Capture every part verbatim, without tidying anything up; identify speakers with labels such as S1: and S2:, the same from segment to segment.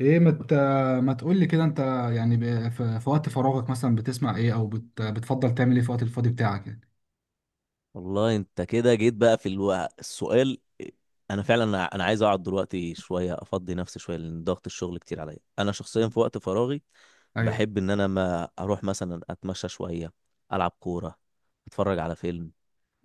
S1: ايه، ما مت... ما تقول لي كده انت؟ يعني ب... في... في وقت فراغك مثلا بتسمع ايه، او بت... بتفضل تعمل ايه في وقت الفاضي بتاعك يعني؟
S2: والله انت كده جيت بقى في الوقت السؤال. انا فعلا انا أنا عايز اقعد دلوقتي شويه، افضي نفسي شويه، لان ضغط الشغل كتير عليا. انا شخصيا في وقت فراغي
S1: ايوه،
S2: بحب ان انا ما اروح مثلا اتمشى شويه، العب كوره، اتفرج على فيلم.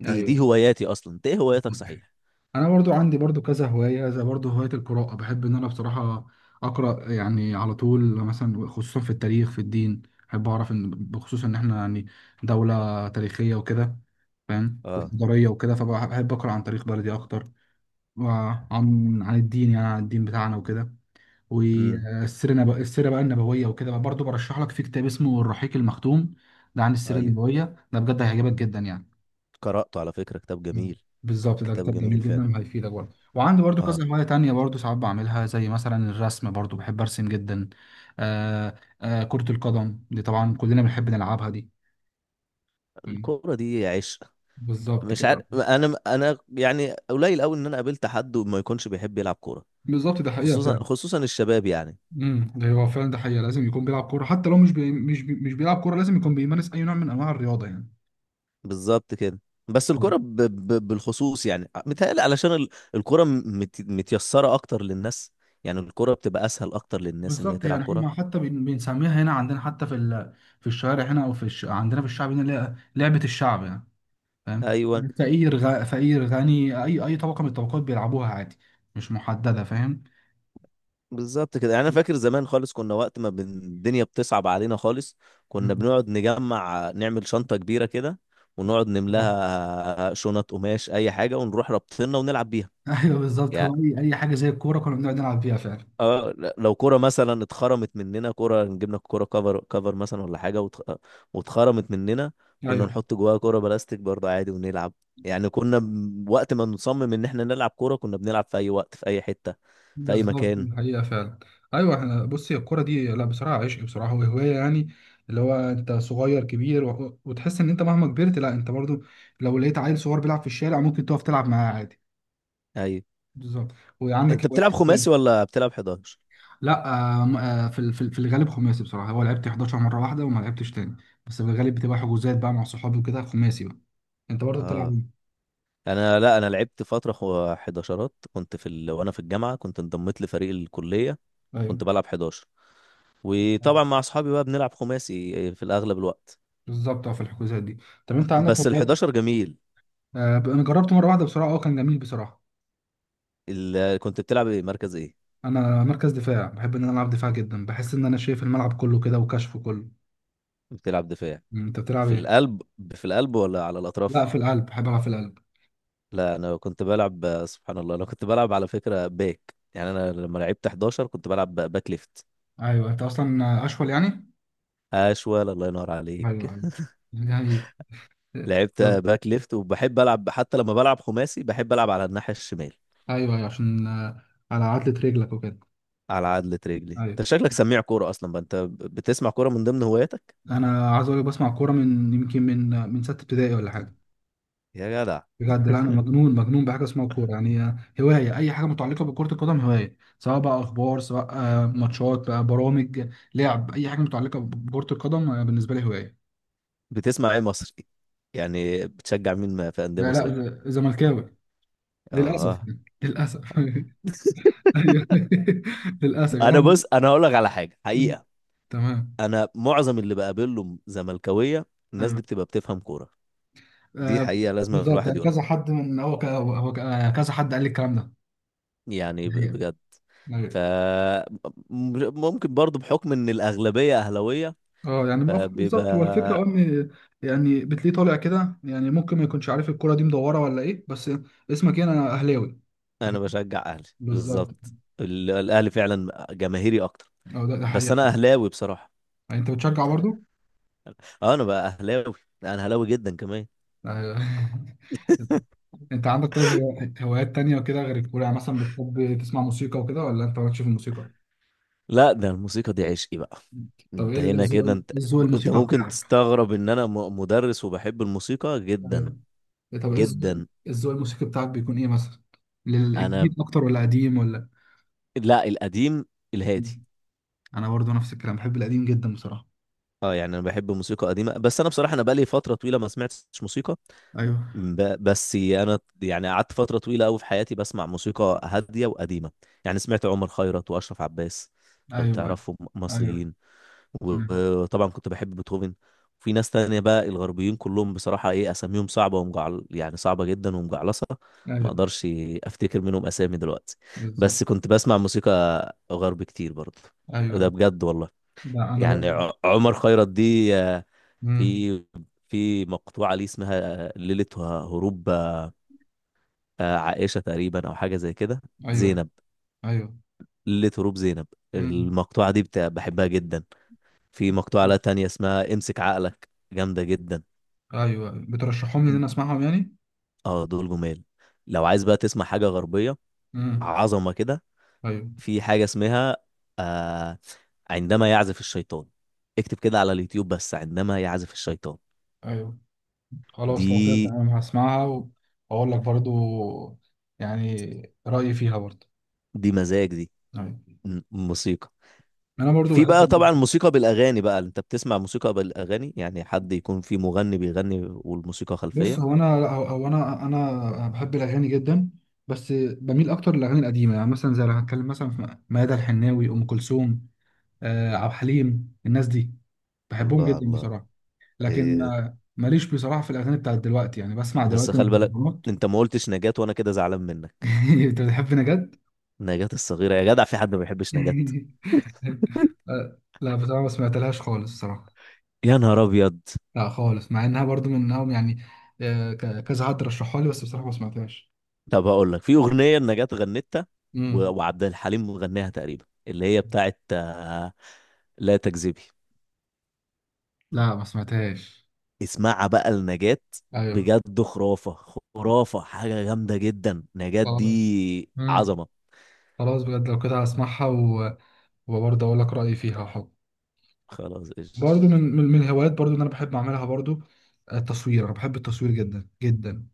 S2: دي دي
S1: ايوه.
S2: هواياتي اصلا. انت ايه هواياتك صحيح؟
S1: انا برضو عندي برضو كذا هواية، زي برضو هواية القراءة. بحب ان انا بصراحة اقرا يعني على طول، مثلا خصوصا في التاريخ، في الدين. بحب اعرف ان بخصوص ان احنا يعني دولة تاريخية وكده، فاهم،
S2: اه.
S1: وحضارية وكده، فبحب اقرا عن تاريخ بلدي اكتر. وعن عن الدين، يعني عن الدين بتاعنا وكده.
S2: امم.
S1: والسيره نب... السيره بقى النبويه وكده، بقى برضه برشح لك في كتاب اسمه الرحيق المختوم. ده عن السيره
S2: ايوه،
S1: النبويه، ده بجد هيعجبك جدا يعني.
S2: قراته على فكره، كتاب
S1: مم.
S2: جميل.
S1: بالظبط، ده
S2: كتاب
S1: كتاب
S2: جميل
S1: جميل
S2: فعلا.
S1: جدا وهيفيدك برضه. وعندي برضه
S2: اه.
S1: كذا هوايه تانية برضه ساعات بعملها، زي مثلا الرسم، برضه بحب ارسم جدا. آه، آه، كره القدم دي طبعا كلنا بنحب نلعبها دي. مم.
S2: الكوره دي عشق.
S1: بالظبط
S2: مش عارف،
S1: كده.
S2: انا انا يعني قليل قوي ان انا قابلت حد وما يكونش بيحب يلعب كوره.
S1: بالظبط، ده حقيقه
S2: خصوصا
S1: فعلا.
S2: خصوصا الشباب يعني.
S1: امم ده هو فعلا، ده حقيقه، لازم يكون بيلعب كوره، حتى لو مش بي... مش بي... مش بيلعب كوره لازم يكون بيمارس اي نوع من انواع الرياضه يعني.
S2: بالظبط كده. بس الكرة ب... ب... بالخصوص يعني متهيألي علشان ال- الكرة م- مت... متيسرة أكتر للناس. يعني الكرة بتبقى أسهل أكتر للناس إن هي
S1: بالظبط،
S2: تلعب
S1: يعني احنا
S2: كرة.
S1: حتى بن- بنسميها هنا عندنا، حتى في ال... في الشوارع هنا، او في الش... عندنا في الشعب هنا اللي هي لعبه الشعب يعني. فاهم،
S2: أيوه،
S1: يعني فقير غ... فقير غني، اي اي طبقه من الطبقات بيلعبوها عادي. مش محدده، فاهم.
S2: بالظبط كده. يعني أنا فاكر زمان خالص كنا وقت ما بن... الدنيا بتصعب علينا خالص، كنا
S1: مم.
S2: بنقعد نجمع نعمل شنطة كبيرة كده، ونقعد
S1: بالظبط.
S2: نملاها شنط قماش أي حاجة، ونروح رابطينها ونلعب بيها.
S1: ايوه، بالظبط، هو اي اي حاجه زي الكوره كنا بنقعد نلعب فيها فعلا.
S2: اه، ل- لو كرة مثلا اتخرمت مننا، كرة نجيب لك كرة كفر كفر مثلا ولا حاجة، واتخ... واتخرمت مننا، كنا
S1: ايوه،
S2: نحط جواها كرة بلاستيك برضه عادي ونلعب. يعني كنا ب- وقت ما نصمم ان احنا نلعب كرة كنا بنلعب في اي وقت، في اي حتة، في اي
S1: بالظبط،
S2: مكان.
S1: الحقيقه فعلا. ايوه، احنا بصي الكوره دي لا بصراحه عشق بصراحه، وهوايه يعني. اللي هو انت صغير كبير، و... وتحس ان انت مهما كبرت لا انت برضو. لو لقيت عيل صغير بيلعب في الشارع ممكن تقف تلعب معاه عادي.
S2: اي.
S1: بالظبط. وعندك
S2: انت
S1: هوايات
S2: بتلعب
S1: إيه تاني؟
S2: خماسي ولا بتلعب إحداشر؟
S1: لا. آه م- آه في ال- في ال- في الغالب خماسي بصراحه، هو لعبت احداشر مره واحده وما لعبتش تاني. بس في الغالب بتبقى حجوزات بقى مع صحابي وكده، خماسي بقى. انت برضه بتلعب
S2: اه.
S1: إيه؟
S2: انا لا انا لعبت فترة خو- أحد عشر، كنت في ال... وانا في الجامعة كنت انضميت لفريق الكلية.
S1: ايوه،
S2: كنت بلعب إحداشر. وطبعا مع اصحابي بقى بنلعب خماسي في الاغلب الوقت.
S1: بالظبط، اه في الحجوزات دي. طب انت عندك
S2: بس ال
S1: هوايات؟
S2: إحداشر جميل.
S1: آه ب- انا جربت مره واحده بصراحه، اه كان جميل بصراحه.
S2: ال... كنت بتلعب ايه، مركز ايه؟
S1: انا مركز دفاع، بحب ان انا العب دفاع جدا، بحس ان انا شايف الملعب كله كده وكشفه كله.
S2: بتلعب دفاع.
S1: مم، انت بتلعب
S2: في
S1: ايه؟
S2: القلب. في القلب ولا على
S1: لا،
S2: الاطراف؟
S1: في القلب، بحب العب في القلب.
S2: لا، انا كنت بلعب، سبحان الله، انا كنت بلعب على فكرة باك. يعني انا لما لعبت إحداشر كنت بلعب باك ليفت.
S1: ايوه، انت اصلا اشول يعني.
S2: اشول، الله ينور
S1: ايوه،
S2: عليك.
S1: ايوه، يعني.
S2: لعبت باك ليفت، وبحب العب حتى لما بلعب خماسي بحب العب على الناحية الشمال.
S1: ايوه، ايوه، عشان آه، على عضلة رجلك وكده.
S2: على عدلة رجلي. انت
S1: ايوه،
S2: شكلك سميع كورة اصلا بقى، انت بتسمع كورة من ضمن هواياتك؟
S1: انا عايز اقول لك بسمع كوره من، يمكن، من من ستة ابتدائي ولا حاجه.
S2: يا جدع.
S1: بجد، لا انا مجنون مجنون بحاجه اسمها الكوره يعني، آه، هوايه اي حاجه متعلقه بكره القدم، هوايه سواء بقى اخبار، سواء آه، ماتشات بقى برامج. لعب اي حاجه متعلقه بكره القدم، آه، بالنسبه لي هوايه.
S2: بتسمع ايه مصري؟ يعني بتشجع مين، ما- في أندية
S1: لا، لا،
S2: مصرية؟
S1: ز- زملكاوي للاسف
S2: اه.
S1: يعني. للاسف. ايوه. للاسف
S2: انا
S1: يعني.
S2: بص، انا هقول لك على حاجه حقيقه.
S1: تمام.
S2: انا معظم اللي بقابله زملكاويه. الناس
S1: ايوه،
S2: دي بتبقى بتفهم كوره. دي
S1: آه،
S2: حقيقه لازم
S1: بالظبط،
S2: الواحد
S1: يعني
S2: يقولها.
S1: كذا حد من هو ك- هو ك- آه، كذا حد قال لي الكلام ده.
S2: يعني ب-
S1: هي.
S2: بجد. ف
S1: ايوه.
S2: م- ممكن برضو بحكم ان الاغلبيه اهلاويه،
S1: اه يعني موافق، بالظبط هو الفكره، اه
S2: فبيبقى
S1: ان. يعني بتلاقيه طالع كده، يعني ممكن ما يكونش عارف الكوره دي مدوره ولا ايه بس. اسمك ايه؟ انا اهلاوي.
S2: انا بشجع اهلي
S1: بالظبط.
S2: بالظبط. ال- الاهلي فعلا جماهيري اكتر.
S1: اه ده ده
S2: بس
S1: حقيقة.
S2: انا اهلاوي بصراحه.
S1: يعني انت بتشجع برضو؟
S2: اه انا بقى اهلاوي. لا، انا اهلاوي جدا كمان.
S1: ايوه. انت عندك طيب هو- هوايات تانية وكده غير الكورة، يعني مثلا بتحب تسمع موسيقى وكده، ولا انت مالكش في الموسيقى؟
S2: لا، ده الموسيقى دي عشقي بقى.
S1: طب ايه
S2: انت هنا
S1: الذوق
S2: كده
S1: إيه
S2: انت.
S1: الذوق
S2: انت
S1: الموسيقى
S2: ممكن
S1: بتاعك؟
S2: تستغرب ان انا م- مدرس وبحب الموسيقى
S1: ايوه.
S2: جدا.
S1: طب ايه الذوق
S2: جدا.
S1: الذوق الموسيقي بتاعك بيكون ايه مثلا؟ للجديد
S2: انا.
S1: اكتر ولا قديم ولا؟
S2: لا، القديم، الهادي.
S1: انا برضو نفس الكلام، بحب القديم جدا بصراحه.
S2: اه يعني انا بحب موسيقى قديمه، بس انا بصراحه انا بقالي فتره طويله ما سمعتش موسيقى.
S1: ايوه،
S2: ب... بس انا يعني قعدت فتره طويله قوي في حياتي بسمع موسيقى هاديه وقديمه. يعني سمعت عمر خيرت واشرف عباس، لو
S1: ايوه،
S2: تعرفهم
S1: ايوه.
S2: مصريين.
S1: سمعت.
S2: وطبعا كنت بحب بيتهوفن. في ناس تانية بقى، الغربيين كلهم بصراحة ايه، اساميهم صعبة ومجعل يعني صعبة جدا ومجعلصة، ما
S1: ايوه،
S2: اقدرش افتكر منهم اسامي دلوقتي.
S1: بالظبط.
S2: بس كنت بسمع موسيقى غرب كتير برضه. ده
S1: ايوه.
S2: بجد والله.
S1: لا، انا
S2: يعني
S1: برضو.
S2: ع- عمر خيرت دي آه،
S1: امم.
S2: في في مقطوعة ليه اسمها آه، ليلة ه- هروب، آه، آه، عائشة تقريبا أو حاجة زي كده،
S1: ايوه،
S2: زينب.
S1: ايوه.
S2: ليلة هروب زينب.
S1: امم.
S2: المقطوعة دي بت- بحبها جدا. في مقطوعة لها تانية اسمها امسك عقلك، جامدة جدا.
S1: ايوه. أيوه. بترشحهم لي ان انا اسمعهم يعني.
S2: اه دول جمال. لو عايز بقى تسمع حاجة غربية،
S1: امم.
S2: عظمة كده،
S1: ايوه،
S2: في حاجة اسمها آه عندما يعزف الشيطان. اكتب كده على اليوتيوب بس، عندما يعزف الشيطان.
S1: ايوه. خلاص، لو كده
S2: دي
S1: تمام هسمعها، واقول لك برضو يعني رايي فيها برضو.
S2: دي مزاج دي.
S1: ايوه،
S2: م- موسيقى.
S1: انا برضو
S2: في بقى
S1: بحب.
S2: طبعا موسيقى بالاغاني بقى، انت بتسمع موسيقى بالاغاني يعني حد يكون في مغني بيغني والموسيقى
S1: بص،
S2: خلفيه؟
S1: هو انا هو هو انا انا بحب الاغاني جدا. بس بميل اكتر للاغاني القديمه، يعني مثلا زي لو هتكلم مثلا في ميادة الحناوي، ام كلثوم، آه، عبد الحليم الناس دي بحبهم
S2: الله
S1: جدا
S2: الله.
S1: بصراحه. لكن
S2: إيه.
S1: آه، ماليش بصراحه في الاغاني بتاعت دلوقتي، يعني بسمع
S2: بس
S1: دلوقتي
S2: خلي بالك،
S1: مهرجانات.
S2: انت ما قلتش نجاة وانا كده زعلان منك.
S1: انت بتحبني جد؟
S2: نجاة الصغيره يا جدع، في حد ما بيحبش نجاة؟
S1: آه، لا بصراحه ما سمعتلهاش خالص بصراحه.
S2: يا نهار ابيض.
S1: لا خالص، مع انها برضو منهم يعني. آه، ك- كذا حد رشحها لي بس بصراحه ما سمعتهاش.
S2: طب هقول لك، في اغنيه نجاة غنتها و-
S1: امم.
S2: وعبد الحليم غناها تقريبا، اللي هي بتاعت آه، لا تكذبي.
S1: لا، ما سمعتهاش.
S2: اسمعها بقى لنجاة.
S1: ايوه.
S2: بجد خرافة. خرافة، حاجة جامدة جدا. نجاة
S1: آه.
S2: دي
S1: مم.
S2: عظمة.
S1: خلاص بجد، لو كده هسمعها. و... وبرضه اقول لك رايي فيها حب.
S2: خلاص قشطة.
S1: برضه من من من الهوايات برضه اللي انا بحب اعملها برضه، آه، التصوير، انا بحب التصوير جدا جدا.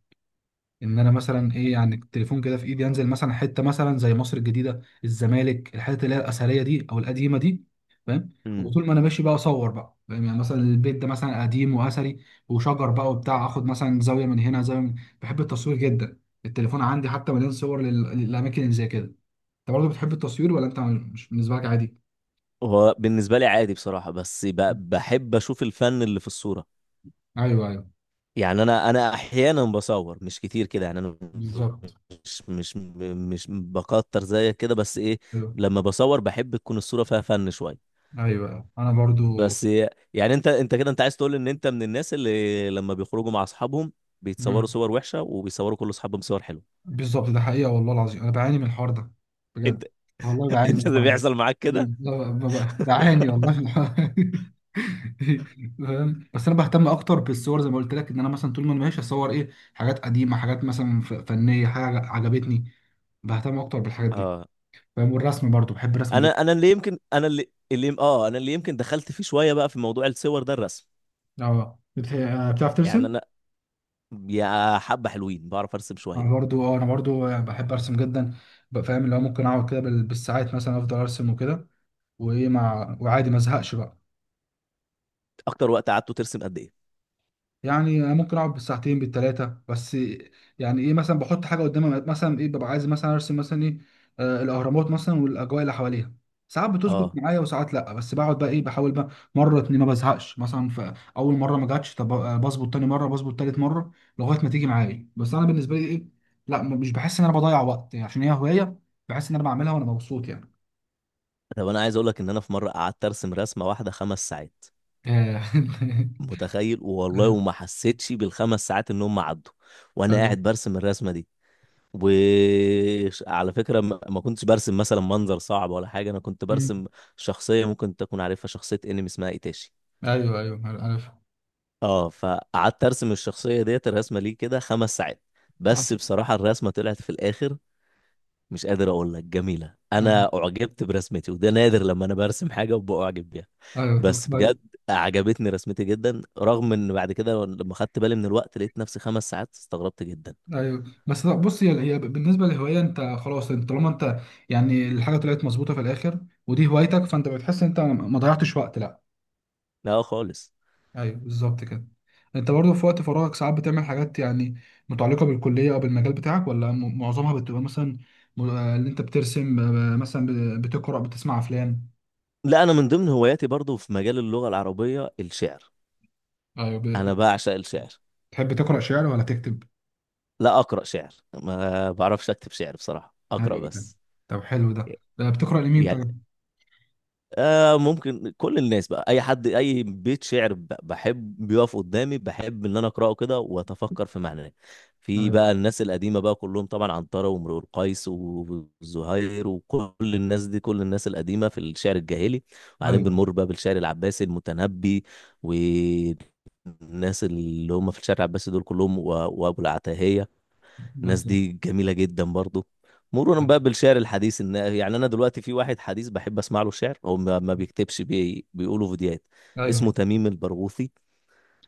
S1: ان انا مثلا ايه يعني، التليفون كده في ايدي، انزل مثلا حته مثلا زي مصر الجديده، الزمالك، الحتت اللي هي الاثريه دي او القديمه دي. فاهم،
S2: امم.
S1: وطول ما انا ماشي بقى اصور بقى، فاهم يعني، مثلا البيت ده مثلا قديم واثري وشجر بقى وبتاع، اخد مثلا زاويه من هنا، زاويه من. بحب التصوير جدا. التليفون عندي حتى مليان صور لل... للاماكن اللي زي كده. انت برضه بتحب التصوير، ولا انت مش بالنسبه لك عادي؟
S2: هو بالنسبة لي عادي بصراحة، بس ب- بحب أشوف الفن اللي في الصورة.
S1: ايوه، ايوه،
S2: يعني أنا أنا أحيانا بصور مش كتير كده. يعني أنا
S1: بالظبط.
S2: مش مش مش بكتر زيك كده، بس إيه،
S1: ايوه،
S2: لما بصور بحب تكون الصورة فيها فن شوية.
S1: ايوه، انا برضو.
S2: بس. يعني انت انت كده انت عايز تقول ان انت من الناس اللي لما بيخرجوا مع اصحابهم بيتصوروا
S1: مم.
S2: صور وحشه وبيصوروا كل اصحابهم صور حلوه.
S1: بالظبط، ده حقيقه، والله العظيم انا بعاني من الحوار ده. بجد،
S2: انت.
S1: والله
S2: انت
S1: بعاني
S2: اللي
S1: فعلا.
S2: بيحصل معاك
S1: لا،
S2: كده؟
S1: ب- ب- بعاني والله في الحوار. فاهم، بس انا بهتم اكتر بالصور زي ما قلت لك ان انا مثلا طول ما انا ماشي اصور ايه، حاجات قديمه، حاجات مثلا ف- فنيه، حاجه عجبتني. بهتم اكتر بالحاجات دي.
S2: اه.
S1: فاهم، والرسم برضو بحب الرسم جدا.
S2: انا انا اللي يمكن انا اللي اللي اه انا اللي يمكن دخلت فيه شويه بقى في موضوع الصور ده الرسم.
S1: اه بت- آه، بتعرف
S2: يعني
S1: ترسم؟
S2: انا، يا حبه حلوين، بعرف ارسم
S1: انا
S2: شويه.
S1: برضو، اه انا برضو آه، بحب ارسم جدا. بقى فاهم، اللي هو ممكن اقعد كده بال- بالساعات مثلا افضل ارسم وكده. وايه مع وعادي، ما ازهقش بقى.
S2: اكتر وقت قعدته ترسم قد ايه؟
S1: يعني أنا ممكن اقعد بالساعتين بالثلاثه بس. يعني ايه مثلا، بحط حاجه قدامي مثلا ايه، ببقى عايز مثلا ارسم مثلا ايه. آه الاهرامات مثلا والاجواء اللي حواليها. ساعات بتظبط
S2: اه.
S1: معايا وساعات لا، بس بقعد بقى ايه بحاول بقى. مره اتنين ما بزهقش، مثلا في اول مره ما جاتش، طب آه، بظبط تاني مره، بظبط تالت مره. لغايه ما تيجي معايا، بس انا بالنسبه لي ايه. لا، م- مش بحس ان انا بضيع وقت يعني، عشان هي هوايه. بحس ان انا بعملها وانا مبسوط يعني.
S2: طب انا عايز اقول لك ان انا في مره قعدت ارسم رسمه واحده خمس ساعات.
S1: آه.
S2: متخيل والله؟ وما حسيتش بالخمس ساعات ان هم عدوا وانا قاعد برسم الرسمه دي. وعلى فكرة ما ما كنتش برسم مثلا منظر صعب ولا حاجة، أنا كنت برسم شخصية ممكن تكون عارفها، شخصية انمي اسمها ايتاشي.
S1: ايوه، ايوه، ايوه، عارف.
S2: اه فقعدت ارسم الشخصية ديت الرسمة ليه كده خمس ساعات. بس بصراحة الرسمة طلعت في الآخر، مش قادر أقول لك جميلة. أنا أعجبت برسمتي وده نادر لما أنا برسم حاجة وبأعجب بيها.
S1: ايوه، طب.
S2: بس بجد عجبتني رسمتي جدا، رغم إن بعد كده لما خدت بالي من الوقت لقيت نفسي خمس ساعات، استغربت جدا.
S1: ايوه، بس لا بص، هي هي بالنسبه للهوايه، انت خلاص انت طالما انت. يعني الحاجه طلعت مظبوطه في الاخر، ودي هوايتك، فانت بتحس ان انت ما ضيعتش وقت لا.
S2: لا خالص.
S1: ايوه، بالظبط كده. انت برضه في وقت فراغك ساعات بتعمل حاجات، يعني متعلقه بالكليه او بالمجال بتاعك، ولا م- معظمها بتبقى، مثلا م- آه، اللي انت بترسم، آه، مثلا ب- بتقرا، بتسمع افلام؟
S2: لا انا من ضمن هواياتي برضو في مجال اللغه العربيه الشعر.
S1: ايوه، ب-
S2: انا بعشق الشعر.
S1: بتحب تقرا شعر ولا تكتب؟
S2: لا اقرا شعر، ما بعرفش اكتب شعر بصراحه، اقرا
S1: ايوه، تمام.
S2: بس.
S1: طب حلو ده. آه، بتقرا لمين
S2: يعني
S1: طيب؟
S2: آه ممكن كل الناس بقى، اي حد اي بيت شعر ب- بحب بيقف قدامي بحب ان انا اقراه كده واتفكر في معناه. في
S1: ايوه،
S2: بقى الناس القديمه بقى كلهم طبعا، عنترة وامرؤ القيس والزهير وكل الناس دي، كل الناس القديمه في الشعر الجاهلي. وبعدين
S1: ايوه،
S2: بنمر بقى بالشعر العباسي، المتنبي والناس اللي هم في الشعر العباسي دول كلهم، و- وابو العتاهيه، الناس
S1: بالظبط،
S2: دي جميلة جدا برضو. مرورا بقى بالشعر الحديث، ان يعني انا دلوقتي في واحد حديث بحب اسمع له شعر، هو ما ما بيكتبش بي... بيقوله فيديوهات،
S1: ايوه،
S2: اسمه تميم البرغوثي،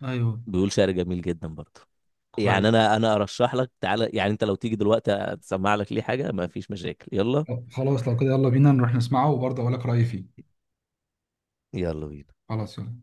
S1: ايوه،
S2: بيقول شعر جميل جدا برضو. يعني
S1: كويس.
S2: انا انا ارشح لك، تعالى يعني انت لو تيجي دلوقتي اسمع لك ليه حاجة ما فيش مشاكل، يلا.
S1: خلاص، لو كده يلا بينا نروح نسمعه وبرضه اقول لك رأيي فيه.
S2: يلا بينا.
S1: خلاص يلا.